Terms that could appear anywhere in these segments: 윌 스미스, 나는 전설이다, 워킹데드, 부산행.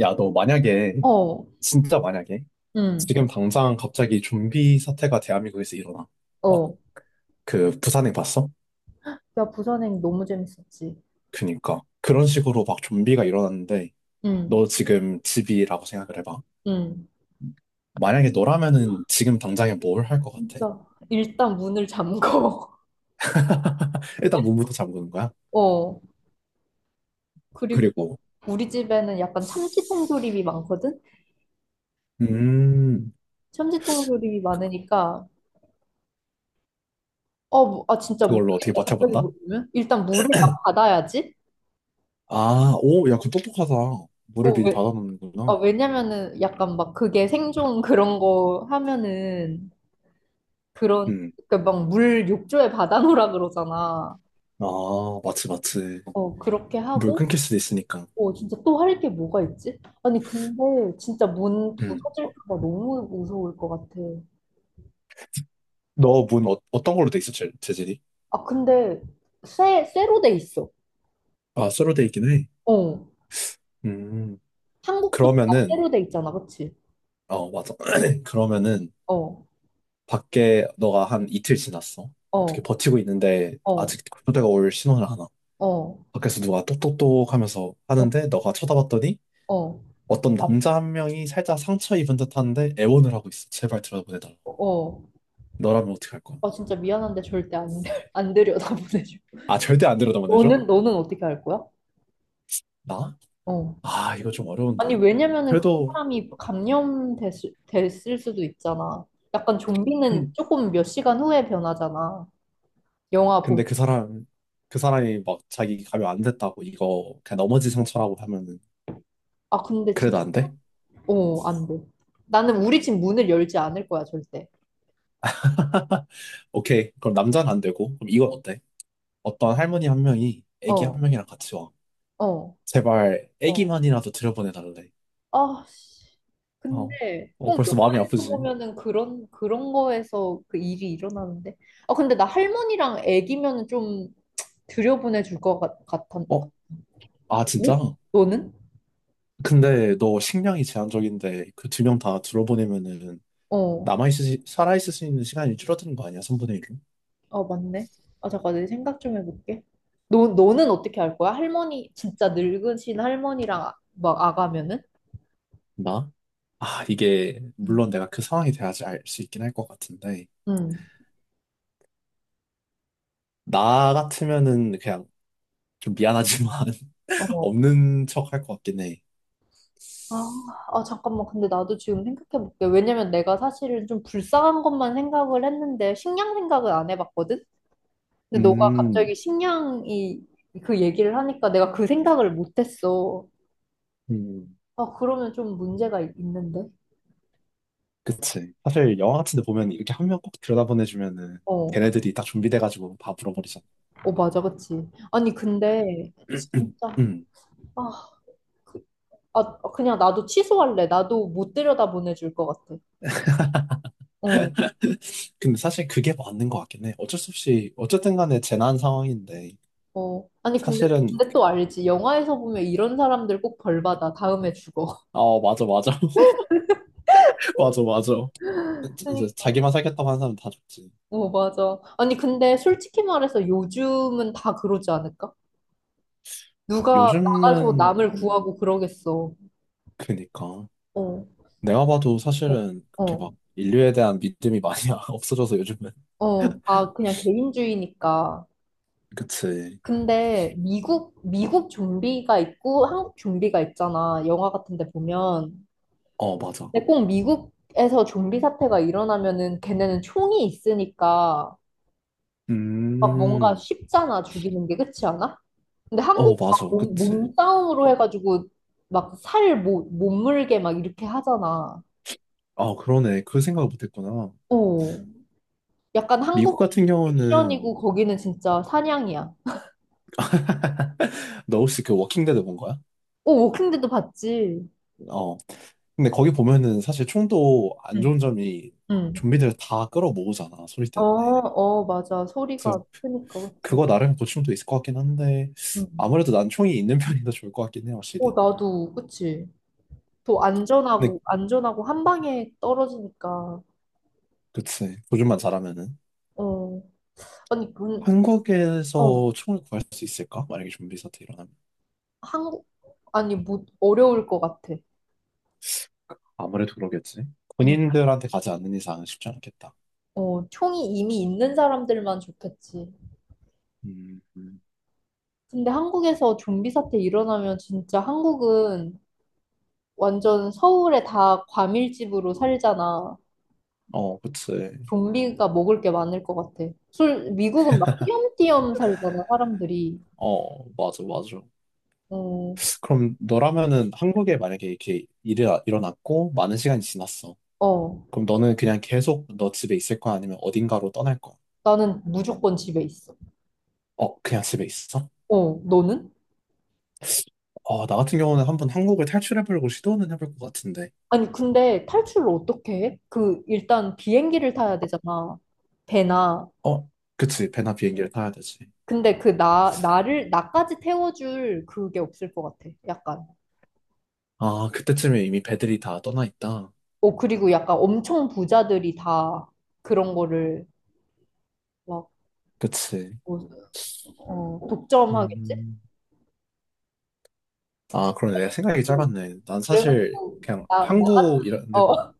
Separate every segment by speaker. Speaker 1: 야, 너 만약에,
Speaker 2: 어,
Speaker 1: 진짜 만약에,
Speaker 2: 응,
Speaker 1: 지금 당장 갑자기 좀비 사태가 대한민국에서 일어나. 막,
Speaker 2: 어.
Speaker 1: 그, 부산행 봤어?
Speaker 2: 야, 부산행 너무 재밌었지.
Speaker 1: 그니까. 그런 식으로 막 좀비가 일어났는데,
Speaker 2: 응,
Speaker 1: 너 지금 집이라고 생각을 해봐.
Speaker 2: 응.
Speaker 1: 만약에 너라면은 지금 당장에 뭘 할 것 같아?
Speaker 2: 진짜. 일단 문을 잠궈.
Speaker 1: 일단 문부터 잠그는 거야.
Speaker 2: 어. 그리고
Speaker 1: 그리고,
Speaker 2: 우리 집에는 약간 참치통 조림이 많거든?
Speaker 1: 음,
Speaker 2: 참치통 조림이 많으니까, 어, 뭐, 아, 진짜
Speaker 1: 그걸로 어떻게
Speaker 2: 모르겠다. 갑자기
Speaker 1: 버텨본다?
Speaker 2: 모르면? 일단 물을 막 받아야지?
Speaker 1: 아, 오, 야, 그 똑똑하다.
Speaker 2: 어,
Speaker 1: 물을 미리
Speaker 2: 왜, 아,
Speaker 1: 받아놓는구나.
Speaker 2: 왜냐면은 약간 막 그게 생존 그런 거 하면은 그런,
Speaker 1: 음,
Speaker 2: 그러니까 막 물 욕조에 받아놓으라 그러잖아.
Speaker 1: 아, 마치, 마치.
Speaker 2: 어, 그렇게
Speaker 1: 물
Speaker 2: 하고,
Speaker 1: 끊길 수도 있으니까.
Speaker 2: 어, 진짜 또 할 게 뭐가 있지? 아니, 근데 진짜 문
Speaker 1: 음.
Speaker 2: 부서질까 봐 너무 무서울 것 같아.
Speaker 1: 너 문 어, 떤 걸로 돼 있어, 재질이?
Speaker 2: 아, 근데 쇠로 돼 있어.
Speaker 1: 아, 쇠로 돼 있긴 해.
Speaker 2: 어.
Speaker 1: 음,
Speaker 2: 한국도 다
Speaker 1: 그러면은,
Speaker 2: 쇠로 돼 있잖아, 그치?
Speaker 1: 어, 맞아. 그러면은,
Speaker 2: 어,
Speaker 1: 밖에 너가 한 이틀 지났어. 어떻게
Speaker 2: 어,
Speaker 1: 버티고 있는데,
Speaker 2: 어,
Speaker 1: 아직 군대가 올 신호를 하나.
Speaker 2: 어,
Speaker 1: 밖에서 누가 똑똑똑 하면서
Speaker 2: 어,
Speaker 1: 하는데, 너가 쳐다봤더니,
Speaker 2: 어,
Speaker 1: 어떤 남자 한 명이 살짝 상처 입은 듯한데, 애원을 하고 있어. 제발 들여다보내달라.
Speaker 2: 어.
Speaker 1: 너라면 어떻게 할 거야?
Speaker 2: 아, 진짜 미안한데 절대 안, 안 들여다 보내줘.
Speaker 1: 아, 절대 안 들여다보내줘?
Speaker 2: 너는 어떻게 할 거야?
Speaker 1: 나?
Speaker 2: 어.
Speaker 1: 아, 이거 좀
Speaker 2: 아니,
Speaker 1: 어려운데.
Speaker 2: 왜냐면은 그
Speaker 1: 그래도,
Speaker 2: 사람이 감염됐을 됐을 수도 있잖아. 약간 좀비는 조금 몇 시간 후에 변하잖아. 영화 보면.
Speaker 1: 근데 그 사람, 그 사람이 막 자기 가면 안 됐다고 이거 그냥 넘어지 상처라고 하면은
Speaker 2: 아, 근데 진,
Speaker 1: 그래도 안 돼?
Speaker 2: 어, 안 돼. 나는 우리 집 문을 열지 않을 거야, 절대.
Speaker 1: 오케이. 그럼 남자는 안 되고 그럼 이건 어때? 어떤 할머니 한 명이 애기 한
Speaker 2: 어,
Speaker 1: 명이랑 같이 와.
Speaker 2: 어,
Speaker 1: 제발
Speaker 2: 어.
Speaker 1: 애기만이라도 들여보내달래.
Speaker 2: 아, 씨.
Speaker 1: 어.
Speaker 2: 근데
Speaker 1: 어,
Speaker 2: 꼭
Speaker 1: 벌써 마음이
Speaker 2: 영화에서
Speaker 1: 아프지?
Speaker 2: 보면은 그런 거에서 그 일이 일어나는데. 아, 근데 나 할머니랑 애기면은 좀 들여보내 줄 것 같아.
Speaker 1: 어? 아, 진짜?
Speaker 2: 응? 너는?
Speaker 1: 근데 너 식량이 제한적인데 그 두 명 다 들어보내면은
Speaker 2: 어,
Speaker 1: 남아있을, 살아있을 수 있는 시간이 줄어드는 거 아니야? 3분의 1로?
Speaker 2: 어, 맞네. 아, 잠깐, 내 생각 좀 해볼게. 너는 어떻게 할 거야? 할머니, 진짜 늙으신 할머니랑 막 아가면은?
Speaker 1: 나? 아, 이게
Speaker 2: 응,
Speaker 1: 물론 내가 그 상황이 돼야지 알 수 있긴 할 것 같은데
Speaker 2: 응.
Speaker 1: 나 같으면은 그냥 좀 미안하지만
Speaker 2: 어.
Speaker 1: 없는 척 할 것 같긴 해.
Speaker 2: 아, 아, 잠깐만. 근데 나도 지금 생각해볼게. 왜냐면 내가 사실은 좀 불쌍한 것만 생각을 했는데, 식량 생각을 안 해봤거든? 근데 너가
Speaker 1: 음,
Speaker 2: 갑자기 식량이 그 얘기를 하니까 내가 그 생각을 못했어.
Speaker 1: 음,
Speaker 2: 아, 그러면 좀 문제가 있는데?
Speaker 1: 그치. 사실 영화 같은 데 보면 이렇게 한 명 꼭 들여다보내주면은
Speaker 2: 어,
Speaker 1: 걔네들이 딱 준비돼가지고 다 물어버리잖아.
Speaker 2: 어, 맞아, 그치. 아니, 근데, 진짜,
Speaker 1: 음.
Speaker 2: 아, 그, 아, 어, 그냥 나도 취소할래. 나도 못 들여다 보내줄 것 같아. 어,
Speaker 1: 근데 사실 그게 맞는 것 같긴 해. 어쩔 수 없이, 어쨌든 간에 재난 상황인데,
Speaker 2: 어. 아니,
Speaker 1: 사실은,
Speaker 2: 근데 또 알지. 영화에서 보면 이런 사람들 꼭 벌 받아. 다음에 죽어.
Speaker 1: 어, 맞아, 맞아. 맞아, 맞아. 이제
Speaker 2: 그러니까.
Speaker 1: 자기만 살겠다고 하는 사람 다 죽지.
Speaker 2: 어, 맞아. 아니, 근데 솔직히 말해서 요즘은 다 그러지 않을까? 누가 나가서
Speaker 1: 요즘은,
Speaker 2: 남을 구하고 그러겠어.
Speaker 1: 그니까.
Speaker 2: 어,
Speaker 1: 내가 봐도
Speaker 2: 어,
Speaker 1: 사실은 그렇게
Speaker 2: 어,
Speaker 1: 막 인류에 대한 믿음이 많이 없어져서 요즘은.
Speaker 2: 어. 아, 그냥 개인주의니까.
Speaker 1: 그치.
Speaker 2: 근데 미국 좀비가 있고 한국 좀비가 있잖아. 영화 같은 데 보면.
Speaker 1: 어, 맞아.
Speaker 2: 근데 꼭 미국에서 좀비 사태가 일어나면은 걔네는 총이 있으니까 막 뭔가
Speaker 1: 음,
Speaker 2: 쉽잖아, 죽이는 게. 그렇지 않아? 근데
Speaker 1: 어,
Speaker 2: 한국은
Speaker 1: 맞아.
Speaker 2: 막
Speaker 1: 그치.
Speaker 2: 몸싸움으로 해가지고 막 살 못 물게 막 이렇게 하잖아.
Speaker 1: 아, 그러네. 그 생각을 못했구나.
Speaker 2: 어. 약간
Speaker 1: 미국
Speaker 2: 한국은
Speaker 1: 같은 경우는
Speaker 2: 액션이고 거기는 진짜 사냥이야.
Speaker 1: 너 혹시 그 워킹데드 본 거야?
Speaker 2: 어, 워킹데드 봤지?
Speaker 1: 어. 근데 거기 보면은 사실 총도 안
Speaker 2: 응.
Speaker 1: 좋은 점이 막
Speaker 2: 응.
Speaker 1: 좀비들 다 끌어모으잖아. 소리
Speaker 2: 어,
Speaker 1: 때문에.
Speaker 2: 어, 맞아.
Speaker 1: 그래서
Speaker 2: 소리가 크니까, 그치?
Speaker 1: 그거 나름 고충도 있을 것 같긴 한데
Speaker 2: 응.
Speaker 1: 아무래도 난 총이 있는 편이 더 좋을 것 같긴 해,
Speaker 2: 어,
Speaker 1: 확실히.
Speaker 2: 나도, 그치? 더
Speaker 1: 근데
Speaker 2: 안전하고 한 방에 떨어지니까.
Speaker 1: 그치. 조준만 잘하면은.
Speaker 2: 어. 아니, 문, 어,
Speaker 1: 한국에서 총을 구할 수 있을까? 만약에 좀비 사태 일어나면.
Speaker 2: 한국, 아니, 못, 어려울 것 같아.
Speaker 1: 아무래도 그러겠지. 군인들한테 가지 않는 이상은 쉽지 않겠다.
Speaker 2: 어, 총이 이미 있는 사람들만 좋겠지.
Speaker 1: 음, 음.
Speaker 2: 근데 한국에서 좀비 사태 일어나면 진짜 한국은 완전 서울에 다 과밀집으로 살잖아.
Speaker 1: 어, 그치.
Speaker 2: 좀비가 먹을 게 많을 것 같아. 술, 미국은 막 띄엄띄엄 살잖아, 사람들이.
Speaker 1: 어, 맞아, 맞아.
Speaker 2: 어,
Speaker 1: 그럼 너라면은 한국에 만약에 이렇게 일이 일어났고 많은 시간이 지났어.
Speaker 2: 어,
Speaker 1: 그럼 너는 그냥 계속 너 집에 있을 거야? 아니면 어딘가로 떠날 거야?
Speaker 2: 나는 무조건 집에 있어.
Speaker 1: 어, 그냥 집에 있어?
Speaker 2: 어, 너는?
Speaker 1: 어, 나 같은 경우는 한번 한국을 탈출해보려고 시도는 해볼 것 같은데.
Speaker 2: 아니, 근데 탈출을 어떻게 해? 그, 일단 비행기를 타야 되잖아. 배나.
Speaker 1: 어, 그치. 배나 비행기를 타야 되지.
Speaker 2: 근데 그 나까지 태워줄 그게 없을 것 같아. 약간.
Speaker 1: 아, 그때쯤에 이미 배들이 다 떠나 있다.
Speaker 2: 어, 그리고 약간 엄청 부자들이 다 그런 거를 막,
Speaker 1: 그치.
Speaker 2: 뭐, 어, 어, 독점하겠지?
Speaker 1: 음. 아, 그러네. 내가 생각이
Speaker 2: 어,
Speaker 1: 짧았네. 난 사실
Speaker 2: 그래가지고,
Speaker 1: 그냥
Speaker 2: 나, 나,
Speaker 1: 항구 이런 데,
Speaker 2: 어,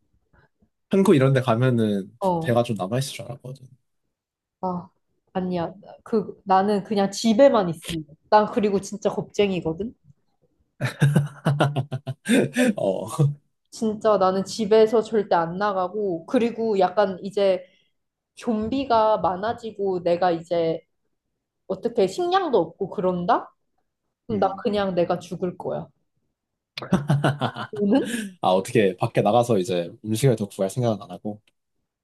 Speaker 1: 항구 이런 데 가면은
Speaker 2: 어,
Speaker 1: 배가 좀 남아있을 줄 알았거든.
Speaker 2: 아, 아니야. 나는 그냥 집에만 있을래. 난 그리고 진짜 겁쟁이거든?
Speaker 1: 어.
Speaker 2: 진짜 나는 집에서 절대 안 나가고, 그리고 약간 이제 좀비가 많아지고 내가 이제 어떻게 식량도 없고 그런다? 그럼 나
Speaker 1: 음.
Speaker 2: 그냥 내가 죽을 거야. 너는?
Speaker 1: 아, 어떻게 밖에 나가서 이제 음식을 더 구할 생각은 안 하고.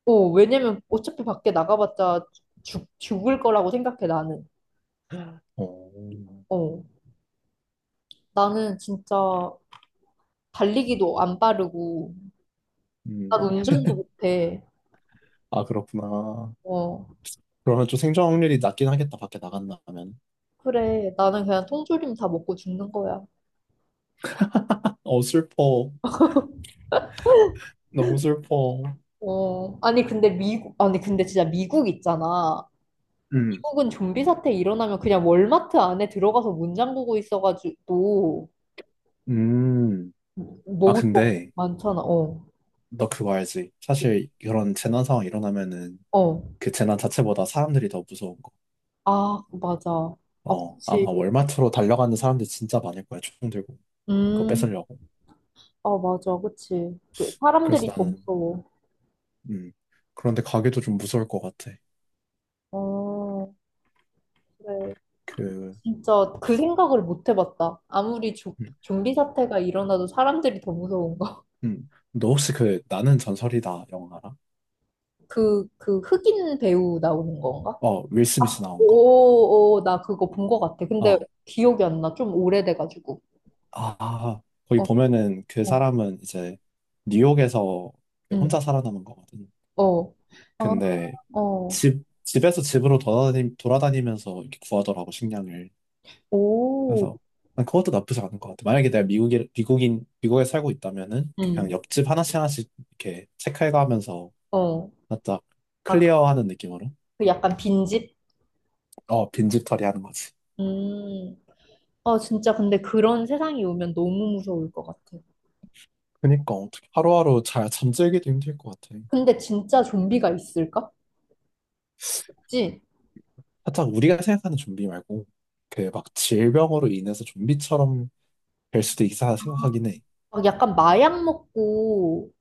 Speaker 2: 어, 왜냐면 어차피 밖에 나가봤자 죽을 거라고 생각해, 나는.
Speaker 1: 어.
Speaker 2: 어, 나는 진짜 달리기도 안 빠르고,
Speaker 1: 음.
Speaker 2: 난 운전도 못해.
Speaker 1: 아, 그렇구나.
Speaker 2: 어,
Speaker 1: 그러면 좀 생존 확률이 낮긴 하겠다, 밖에 나간다면.
Speaker 2: 그래. 나는 그냥 통조림 다 먹고 죽는 거야.
Speaker 1: 어, 슬퍼. 너무 슬퍼.
Speaker 2: 어, 아니, 근데 미국, 아니, 근데 진짜 미국 있잖아.
Speaker 1: 음.
Speaker 2: 미국은 좀비 사태 일어나면 그냥 월마트 안에 들어가서 문 잠그고 있어가지고,
Speaker 1: 음. 아,
Speaker 2: 먹을 거
Speaker 1: 근데
Speaker 2: 많잖아. 어,
Speaker 1: 너 그거 알지? 사실 이런 재난 상황 일어나면은
Speaker 2: 어.
Speaker 1: 그 재난 자체보다 사람들이 더 무서운 거.
Speaker 2: 아, 맞아. 아,
Speaker 1: 어,
Speaker 2: 그치.
Speaker 1: 아마 월마트로 달려가는 사람들 진짜 많을 거야. 총 들고. 그거
Speaker 2: 음.
Speaker 1: 뺏으려고.
Speaker 2: 어, 맞아. 그치. 그,
Speaker 1: 그래서
Speaker 2: 사람들이 더
Speaker 1: 나는,
Speaker 2: 무서워.
Speaker 1: 음. 그런데 가게도 좀 무서울 것 같아.
Speaker 2: 어, 그래.
Speaker 1: 그,
Speaker 2: 진짜 그 생각을 못 해봤다. 아무리 조,
Speaker 1: 음.
Speaker 2: 좀비 사태가 일어나도 사람들이 더 무서운 거.
Speaker 1: 음. 너 혹시 그 나는 전설이다 영화 알아?
Speaker 2: 그, 그 흑인 배우 나오는 건가?
Speaker 1: 어, 윌 스미스
Speaker 2: 아,
Speaker 1: 나온 거.
Speaker 2: 오, 오, 나 그거 본 거 같아. 근데
Speaker 1: 어.
Speaker 2: 기억이 안 나. 좀 오래돼가지고.
Speaker 1: 아, 아. 거기
Speaker 2: 어,
Speaker 1: 보면은 그
Speaker 2: 어,
Speaker 1: 사람은 이제 뉴욕에서 그
Speaker 2: 응,
Speaker 1: 혼자 살아남은 거거든.
Speaker 2: 어. 아,
Speaker 1: 근데
Speaker 2: 어,
Speaker 1: 집, 집에서 돌아다니면서 이렇게 구하더라고, 식량을.
Speaker 2: 오,
Speaker 1: 그래서 난 그것도 나쁘지 않은 것 같아. 만약에 내가 미국에 살고 있다면은 그냥
Speaker 2: 응,
Speaker 1: 옆집 하나씩 하나씩 이렇게 체크해가면서
Speaker 2: 어.
Speaker 1: 살짝
Speaker 2: 아,
Speaker 1: 클리어하는 느낌으로
Speaker 2: 그 약간 빈집?
Speaker 1: 어, 빈집 처리하는 거지.
Speaker 2: 음. 아, 진짜 근데 그런 세상이 오면 너무 무서울 것 같아.
Speaker 1: 그니까 어떻게 하루하루 잘 잠들기도 힘들 것 같아.
Speaker 2: 근데 진짜 좀비가 있을까? 그지
Speaker 1: 살짝 우리가 생각하는 좀비 말고 그 막 질병으로 인해서 좀비처럼 될 수도 있다 생각하긴 해.
Speaker 2: 막 약간 마약 먹고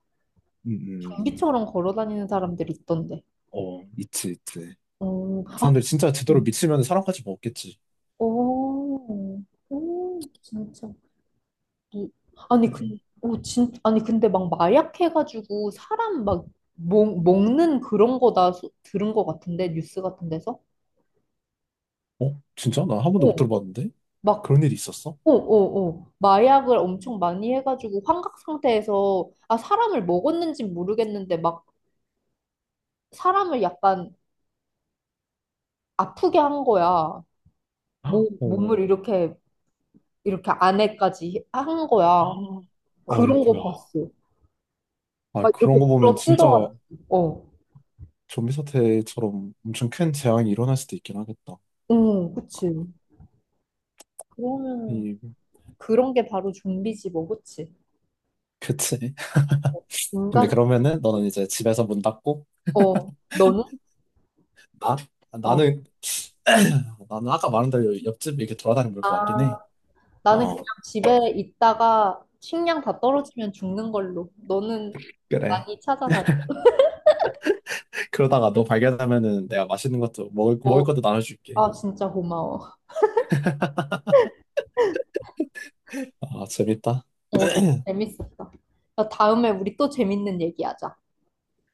Speaker 1: 음, 음.
Speaker 2: 좀비처럼 걸어 다니는 사람들 있던데.
Speaker 1: 어, 있지, 있지.
Speaker 2: 어,
Speaker 1: 그
Speaker 2: 아,
Speaker 1: 사람들 진짜 제대로
Speaker 2: 음.
Speaker 1: 미치면 사람까지 먹겠지.
Speaker 2: 어, 오, 오, 진짜. 이- 아니, 근,
Speaker 1: 네.
Speaker 2: 오, 진, 아니, 근데 막 마약해가지고 사람 막 먹는 그런 거다 들은 거 같은데, 뉴스 같은 데서?
Speaker 1: 어? 진짜? 난 한 번도 못
Speaker 2: 오,
Speaker 1: 들어봤는데?
Speaker 2: 막,
Speaker 1: 그런 일이 있었어?
Speaker 2: 오 오 오 마약을 엄청 많이 해가지고 환각 상태에서, 아, 사람을 먹었는지 모르겠는데, 막 사람을 약간 아프게 한 거야. 몸을
Speaker 1: 어,
Speaker 2: 이렇게, 이렇게 안에까지 한 거야.
Speaker 1: 어,
Speaker 2: 그런 거
Speaker 1: 어이구야.
Speaker 2: 봤어.
Speaker 1: 아,
Speaker 2: 막 이렇게
Speaker 1: 그런 거 보면
Speaker 2: 불어
Speaker 1: 진짜
Speaker 2: 뜯어가지고. 어.
Speaker 1: 좀비 사태처럼 엄청 큰 재앙이 일어날 수도 있긴 하겠다.
Speaker 2: 응, 그치. 그러면,
Speaker 1: 이,
Speaker 2: 그런 게 바로 좀비지 뭐, 그치?
Speaker 1: 그치. 근데
Speaker 2: 인간,
Speaker 1: 그러면은 너는 이제 집에서 문 닫고,
Speaker 2: 어, 너는?
Speaker 1: 나?
Speaker 2: 어.
Speaker 1: 나는, 나는 아까 말한 대로 옆집 이렇게 돌아다니면 볼 것 같긴
Speaker 2: 아,
Speaker 1: 해.
Speaker 2: 나는
Speaker 1: 어,
Speaker 2: 그냥 집에 있다가 식량 다 떨어지면 죽는 걸로. 너는
Speaker 1: 그래.
Speaker 2: 많이 찾아다니고,
Speaker 1: 그러다가 너 발견하면은 내가 맛있는 것도, 먹을 것도 나눠줄게.
Speaker 2: 아, 진짜 고마워.
Speaker 1: 아, 재밌다.
Speaker 2: 어, 재밌었다. 나 다음에 우리 또 재밌는 얘기하자.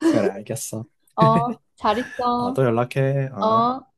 Speaker 1: 그래, 알겠어.
Speaker 2: 어, 잘
Speaker 1: 아,
Speaker 2: 있어.
Speaker 1: 또 연락해. 어.
Speaker 2: 어?